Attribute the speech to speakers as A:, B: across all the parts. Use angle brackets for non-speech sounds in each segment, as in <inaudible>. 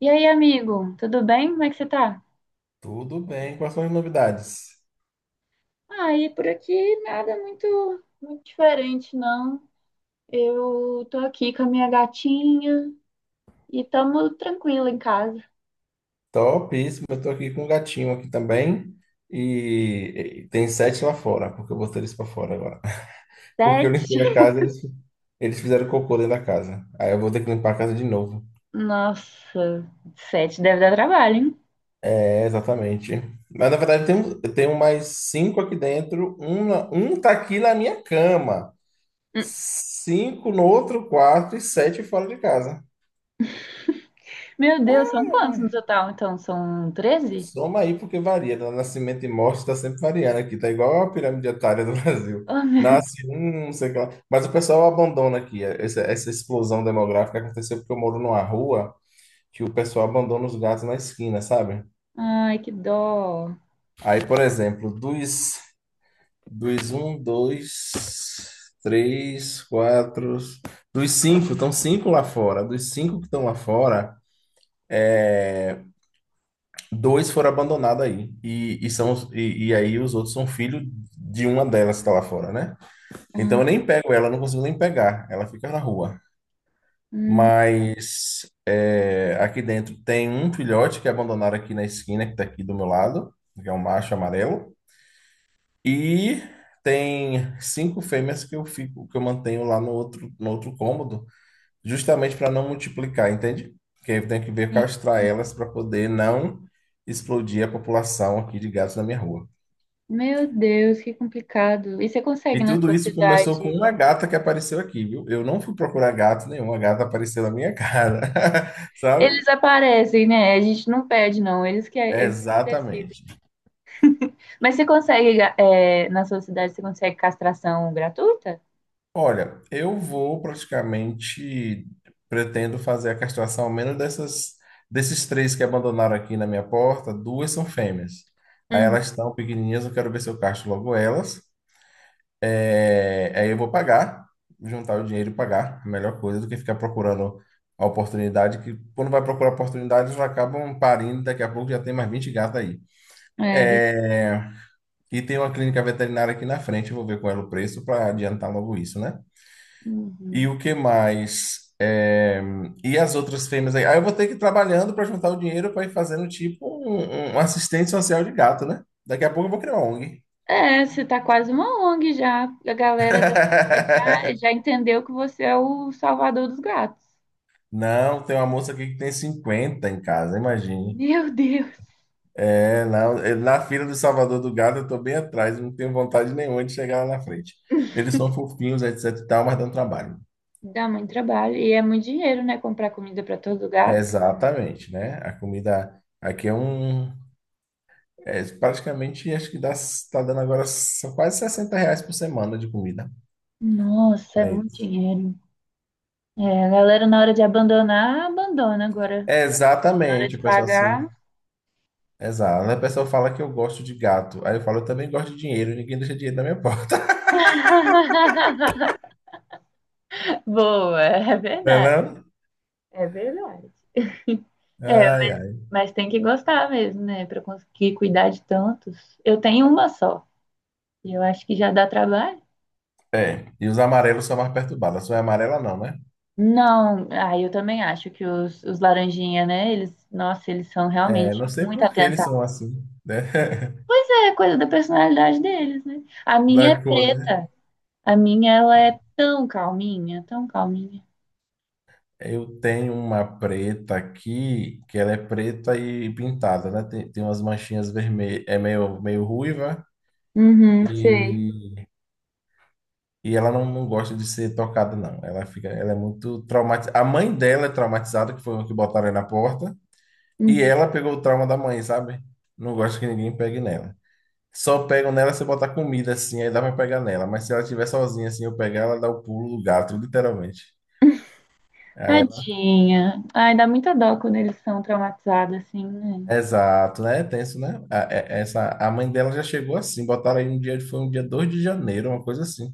A: E aí, amigo, tudo bem? Como é que você tá?
B: Tudo bem, quais são as novidades?
A: Ah, e por aqui nada muito diferente, não. Eu tô aqui com a minha gatinha e tamo tranquilo em casa.
B: Topíssimo, eu tô aqui com um gatinho aqui também e tem sete lá fora, porque eu botei eles para fora agora. <laughs> Porque
A: Sete?
B: eu limpei a
A: <laughs>
B: casa, eles fizeram cocô dentro da casa. Aí eu vou ter que limpar a casa de novo.
A: Nossa, sete deve dar trabalho, hein?
B: É, exatamente. Mas na verdade eu tenho mais cinco aqui dentro, um tá aqui na minha cama,
A: Hum.
B: cinco no outro quarto e sete fora de casa.
A: Meu Deus, são quantos no total? Então, são 13.
B: Soma aí porque varia, né? Nascimento e morte está sempre variando aqui. Tá igual a pirâmide etária do <laughs> Brasil.
A: Oh, <laughs> meu Deus.
B: Nasce um, não sei o que lá. Mas o pessoal abandona aqui. Essa explosão demográfica aconteceu porque eu moro numa rua que o pessoal abandona os gatos na esquina, sabe?
A: Ai, que dó.
B: Aí, por exemplo, dos um, dois, três, quatro. Dos cinco, estão cinco lá fora. Dos cinco que estão lá fora. Dois foram abandonados aí. E aí os outros são filhos de uma delas que está lá fora, né? Então
A: Ah,
B: eu nem pego ela, eu não consigo nem pegar. Ela fica na rua.
A: hum,
B: Mas é, aqui dentro tem um filhote que abandonaram aqui na esquina, que está aqui do meu lado, que é um macho amarelo. E tem cinco fêmeas que eu fico, que eu mantenho lá no outro cômodo justamente para não multiplicar, entende? Porque eu tenho que ver
A: sim.
B: castrar elas para poder não explodir a população aqui de gatos na minha rua.
A: Meu Deus, que complicado. E você consegue
B: E
A: na
B: tudo
A: sua
B: isso começou com
A: cidade.
B: uma gata que apareceu aqui, viu? Eu não fui procurar gato nenhum, a gata apareceu na minha cara, <laughs> sabe?
A: Eles aparecem, né? A gente não pede, não. Eles que, é, eles que decidem.
B: Exatamente.
A: Mas você consegue, é, na sua cidade, você consegue castração gratuita?
B: Olha, eu vou praticamente pretendo fazer a castração ao menos dessas desses três que abandonaram aqui na minha porta, duas são fêmeas. Aí
A: Uhum.
B: elas estão pequenininhas, eu quero ver se eu castro logo elas. É, aí eu vou pagar, juntar o dinheiro e pagar. A melhor coisa do que ficar procurando a oportunidade, que quando vai procurar oportunidades, eles acabam parindo, daqui a pouco já tem mais 20 gatos aí.
A: É, ver-
B: É. E tem uma clínica veterinária aqui na frente, eu vou ver qual é o preço para adiantar logo isso, né? E
A: uhum.
B: o que mais? É. E as outras fêmeas aí? Aí eu vou ter que ir trabalhando para juntar o dinheiro para ir fazendo tipo um, um assistente social de gato, né? Daqui a pouco eu vou criar uma ONG.
A: É, você tá quase uma ONG já. A galera da cidade já
B: <laughs>
A: entendeu que você é o salvador dos gatos.
B: Não, tem uma moça aqui que tem 50 em casa, imagine.
A: Meu Deus,
B: É, não, é, na fila do Salvador do Gado eu tô bem atrás, não tenho vontade nenhuma de chegar lá na frente. Eles são fofinhos, etc e tal, mas dão trabalho.
A: dá muito trabalho. E é muito dinheiro, né? Comprar comida para todo gato.
B: Exatamente, né? A comida aqui é um. É, praticamente, acho que dá, tá dando agora só quase 60 reais por semana de comida
A: Nossa, é
B: para
A: muito
B: eles.
A: dinheiro. É, a galera na hora de abandonar, abandona. Agora, na hora
B: Exatamente,
A: de
B: o pessoal assim.
A: pagar.
B: Exato. Aí o pessoal fala que eu gosto de gato. Aí eu falo, eu também gosto de dinheiro, ninguém deixa dinheiro na minha porta.
A: <laughs> Boa, <laughs> é
B: <laughs> Não é
A: verdade.
B: não?
A: É verdade. É,
B: Ai, ai.
A: mas tem que gostar mesmo, né? Pra conseguir cuidar de tantos. Eu tenho uma só. E eu acho que já dá trabalho.
B: É, e os amarelos são mais perturbados. A sua é amarela, não, né?
A: Não, ah, eu também acho que os laranjinha, né? Eles, nossa, eles são
B: É,
A: realmente
B: não sei
A: muito
B: por que eles
A: atentados.
B: são assim, né? <laughs>
A: É coisa da personalidade deles, né? A minha é
B: Da cor, né?
A: preta. A minha, ela
B: Ah,
A: é tão calminha, tão calminha.
B: Eu tenho uma preta aqui, que ela é preta e pintada, né? Tem umas manchinhas vermelhas, é meio ruiva
A: Uhum, sei.
B: e, e ela não gosta de ser tocada, não. Ela fica, ela é muito traumatizada. A mãe dela é traumatizada, que foi o que botaram aí na porta, e
A: Uhum.
B: ela pegou o trauma da mãe, sabe? Não gosta que ninguém pegue nela. Só pegam nela se eu botar comida assim, aí dá pra pegar nela. Mas se ela estiver sozinha assim, eu pegar, ela dá o pulo do gato, literalmente. Aí ela.
A: Tadinha. Ai, dá muita dó quando eles são traumatizados assim, né?
B: Exato, né? É tenso, né? A mãe dela já chegou assim, botaram aí um dia, foi um dia 2 de janeiro, uma coisa assim.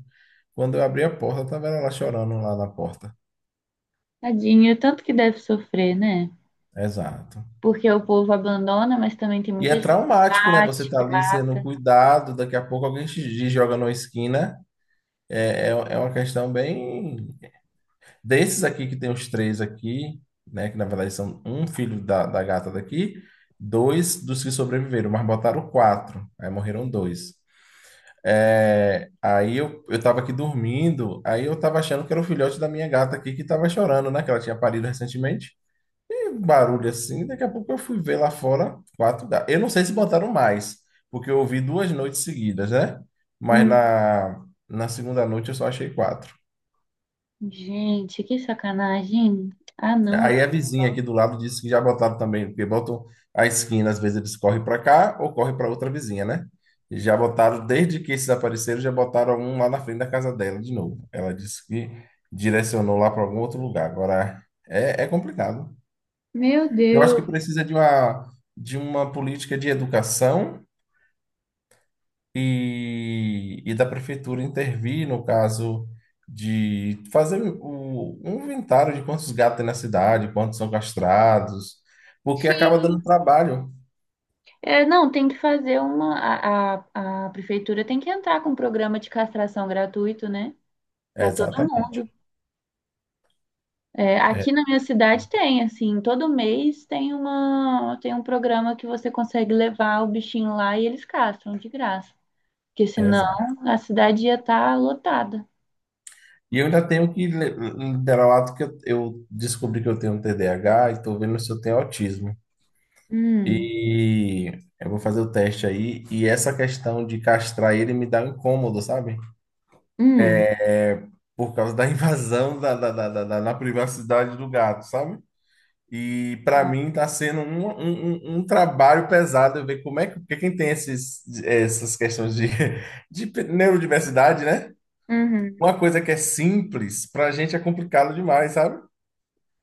B: Quando eu abri a porta, tava ela lá chorando lá na porta.
A: Tadinho, tanto que deve sofrer, né?
B: Exato.
A: Porque o povo abandona, mas também tem
B: E é
A: muita gente que
B: traumático, né? Você
A: bate,
B: tá
A: que
B: ali
A: mata.
B: sendo cuidado, daqui a pouco alguém te joga numa esquina. É uma questão bem. Desses aqui que tem os três aqui, né? Que na verdade são um filho da gata daqui, dois dos que sobreviveram, mas botaram quatro. Aí morreram dois. É, aí eu tava aqui dormindo, aí eu tava achando que era o filhote da minha gata aqui que tava chorando, né? Que ela tinha parido recentemente. E um barulho assim, daqui a pouco eu fui ver lá fora quatro gatos. Eu não sei se botaram mais, porque eu ouvi duas noites seguidas, né? Mas
A: Hum,
B: na segunda noite eu só achei quatro.
A: gente, que sacanagem. Ah, não. Eu
B: Aí a
A: fico
B: vizinha
A: só.
B: aqui do lado disse que já botaram também, porque botam a esquina, às vezes eles correm para cá ou correm para outra vizinha, né? E já botaram, desde que esses apareceram, já botaram um lá na frente da casa dela de novo. Ela disse que direcionou lá para algum outro lugar. Agora, é complicado.
A: Meu
B: Eu acho que
A: Deus.
B: precisa de uma, política de educação e da prefeitura intervir no caso de fazer um inventário de quantos gatos tem na cidade, quantos são castrados, porque acaba
A: Sim.
B: dando trabalho.
A: É, não, tem que fazer uma. A prefeitura tem que entrar com um programa de castração gratuito, né? Para todo
B: Exatamente,
A: mundo. É, aqui na minha cidade tem, assim, todo mês tem uma, tem um programa que você consegue levar o bichinho lá e eles castram de graça. Porque senão
B: exato.
A: a cidade ia estar lotada.
B: E eu ainda tenho que liderar o ato que eu descobri que eu tenho T TDAH e estou vendo se eu tenho autismo.
A: Hum,
B: E eu vou fazer o teste aí, e essa questão de castrar ele me dá um incômodo, sabe?
A: hum,
B: É. Por causa da <laughs> invasão na privacidade do gato, sabe? E para
A: Ah,
B: mim está sendo um trabalho pesado eu ver como é que porque quem tem essas questões de, <laughs> de neurodiversidade, né?
A: uhum,
B: Uma coisa que é simples, para a gente é complicado demais, sabe?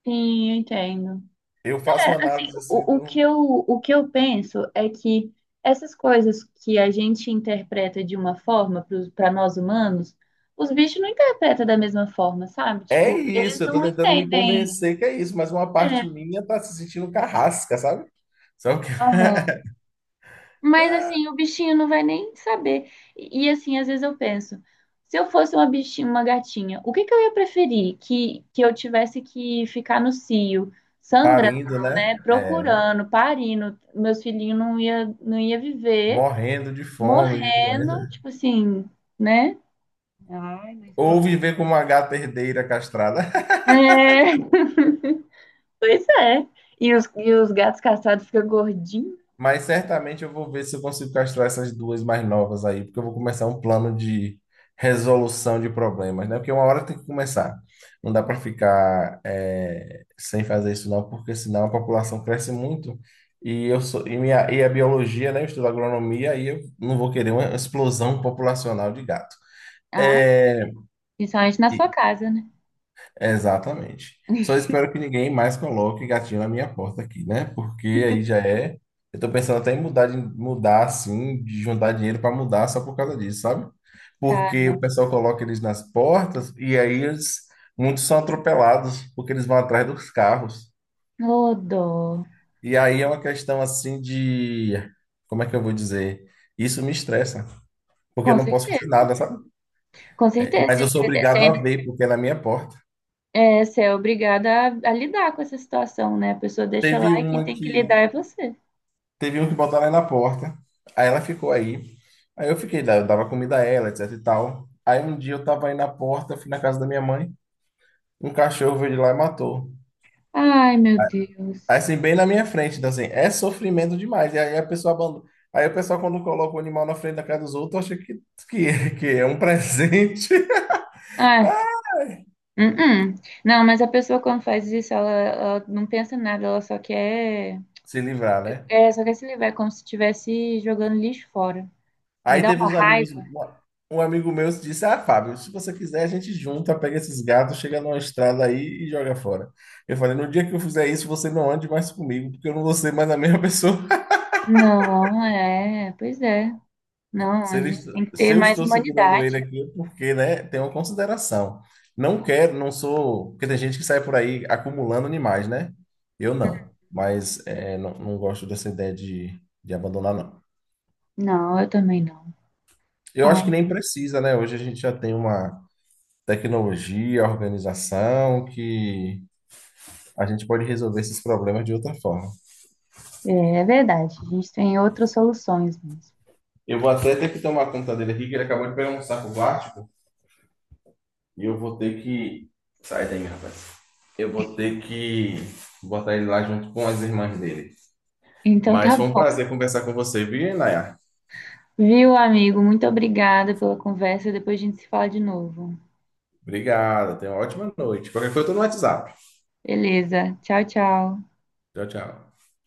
A: sim, eu entendo.
B: Eu faço uma
A: É, assim,
B: análise assim
A: o que
B: do.
A: eu penso é que essas coisas que a gente interpreta de uma forma para nós humanos, os bichos não interpretam da mesma forma, sabe?
B: É
A: Tipo, eles
B: isso, eu estou
A: não
B: tentando me
A: entendem.
B: convencer que é isso, mas uma
A: É,
B: parte minha está se sentindo carrasca, sabe? Só que <laughs>
A: aham. Mas assim, o bichinho não vai nem saber. E assim, às vezes eu penso, se eu fosse uma bichinha, uma gatinha, o que que eu ia preferir? Que eu tivesse que ficar no cio,
B: parindo,
A: sangrando,
B: né?
A: né?
B: É,
A: Procurando, parindo, meus filhinhos não ia viver,
B: morrendo de fome, de
A: morrendo,
B: doença.
A: tipo assim, né? Ai, mas
B: Ou
A: lá.
B: viver como uma gata herdeira castrada.
A: É, <laughs> pois é. E os gatos castrados ficam gordinhos.
B: Mas certamente eu vou ver se eu consigo castrar essas duas mais novas aí, porque eu vou começar um plano de resolução de problemas, né? Porque uma hora tem que começar. Não dá para ficar sem fazer isso não, porque senão a população cresce muito e eu sou e a biologia, né? Eu estudo agronomia e eu não vou querer uma explosão populacional de gato.
A: Ai,
B: É,
A: principalmente na sua casa, né?
B: Exatamente. Só espero que ninguém mais coloque gatinho na minha porta aqui, né? Porque aí já é. Eu tô pensando até em mudar, de mudar assim, de juntar dinheiro para mudar só por causa disso, sabe? Porque o
A: Cara,
B: pessoal coloca eles nas portas e aí eles, muitos são atropelados porque eles vão atrás dos carros.
A: ô dó.
B: E aí é uma questão assim de. Como é que eu vou dizer? Isso me estressa, porque eu
A: Com
B: não posso fazer
A: certeza.
B: nada, sabe?
A: Com
B: É,
A: certeza,
B: mas
A: e
B: eu sou
A: você
B: obrigado a
A: ainda
B: ver, porque é na minha porta.
A: é, você é obrigada a lidar com essa situação, né? A pessoa deixa lá
B: Teve
A: e quem
B: uma
A: tem que lidar
B: que
A: é você.
B: Teve um que botou ela na porta. Aí ela ficou aí. Aí eu fiquei, eu dava comida a ela, etc e tal. Aí um dia eu tava aí na porta, fui na casa da minha mãe. Um cachorro veio de lá e matou.
A: Ai, meu
B: Aí
A: Deus.
B: assim, bem na minha frente. Então assim, é sofrimento demais. E aí a pessoa abandona. Aí o pessoal, quando coloca o animal na frente da casa dos outros, acha que é um presente
A: Ai, -uh. Não, mas a pessoa quando faz isso, ela não pensa em nada, ela só quer,
B: <laughs> se livrar, né?
A: é, só quer se livrar, é como se estivesse jogando lixo fora. Me
B: Aí
A: dá
B: teve
A: uma raiva.
B: um amigo meu disse: Ah, Fábio, se você quiser, a gente junta, pega esses gatos, chega numa estrada aí e joga fora. Eu falei: No dia que eu fizer isso, você não ande mais comigo, porque eu não vou ser mais a mesma <laughs> pessoa.
A: Não, é, pois é. Não,
B: Se,
A: a
B: ele,
A: gente tem que
B: se
A: ter
B: eu
A: mais
B: estou segurando ele
A: humanidade.
B: aqui, é porque, né, tem uma consideração. Não quero, não sou. Porque tem gente que sai por aí acumulando animais, né? Eu não. Mas é, não gosto dessa ideia de abandonar, não.
A: Não, eu também não.
B: Eu
A: Ai,
B: acho que nem precisa, né? Hoje a gente já tem uma tecnologia, organização, que a gente pode resolver esses problemas de outra forma.
A: é, é verdade, a gente tem outras soluções mesmo.
B: Eu vou até ter que tomar conta dele aqui, que ele acabou de pegar um saco plástico, e eu vou ter que. Sai daí, rapaz. Eu vou ter que botar ele lá junto com as irmãs dele.
A: Então
B: Mas
A: tá
B: foi um
A: bom.
B: prazer conversar com você, viu, Nayar?
A: Viu, amigo? Muito obrigada pela conversa. Depois a gente se fala de novo.
B: Obrigado, tenha uma ótima noite. Qualquer coisa, eu tô no WhatsApp.
A: Beleza. Tchau, tchau.
B: Tchau, tchau.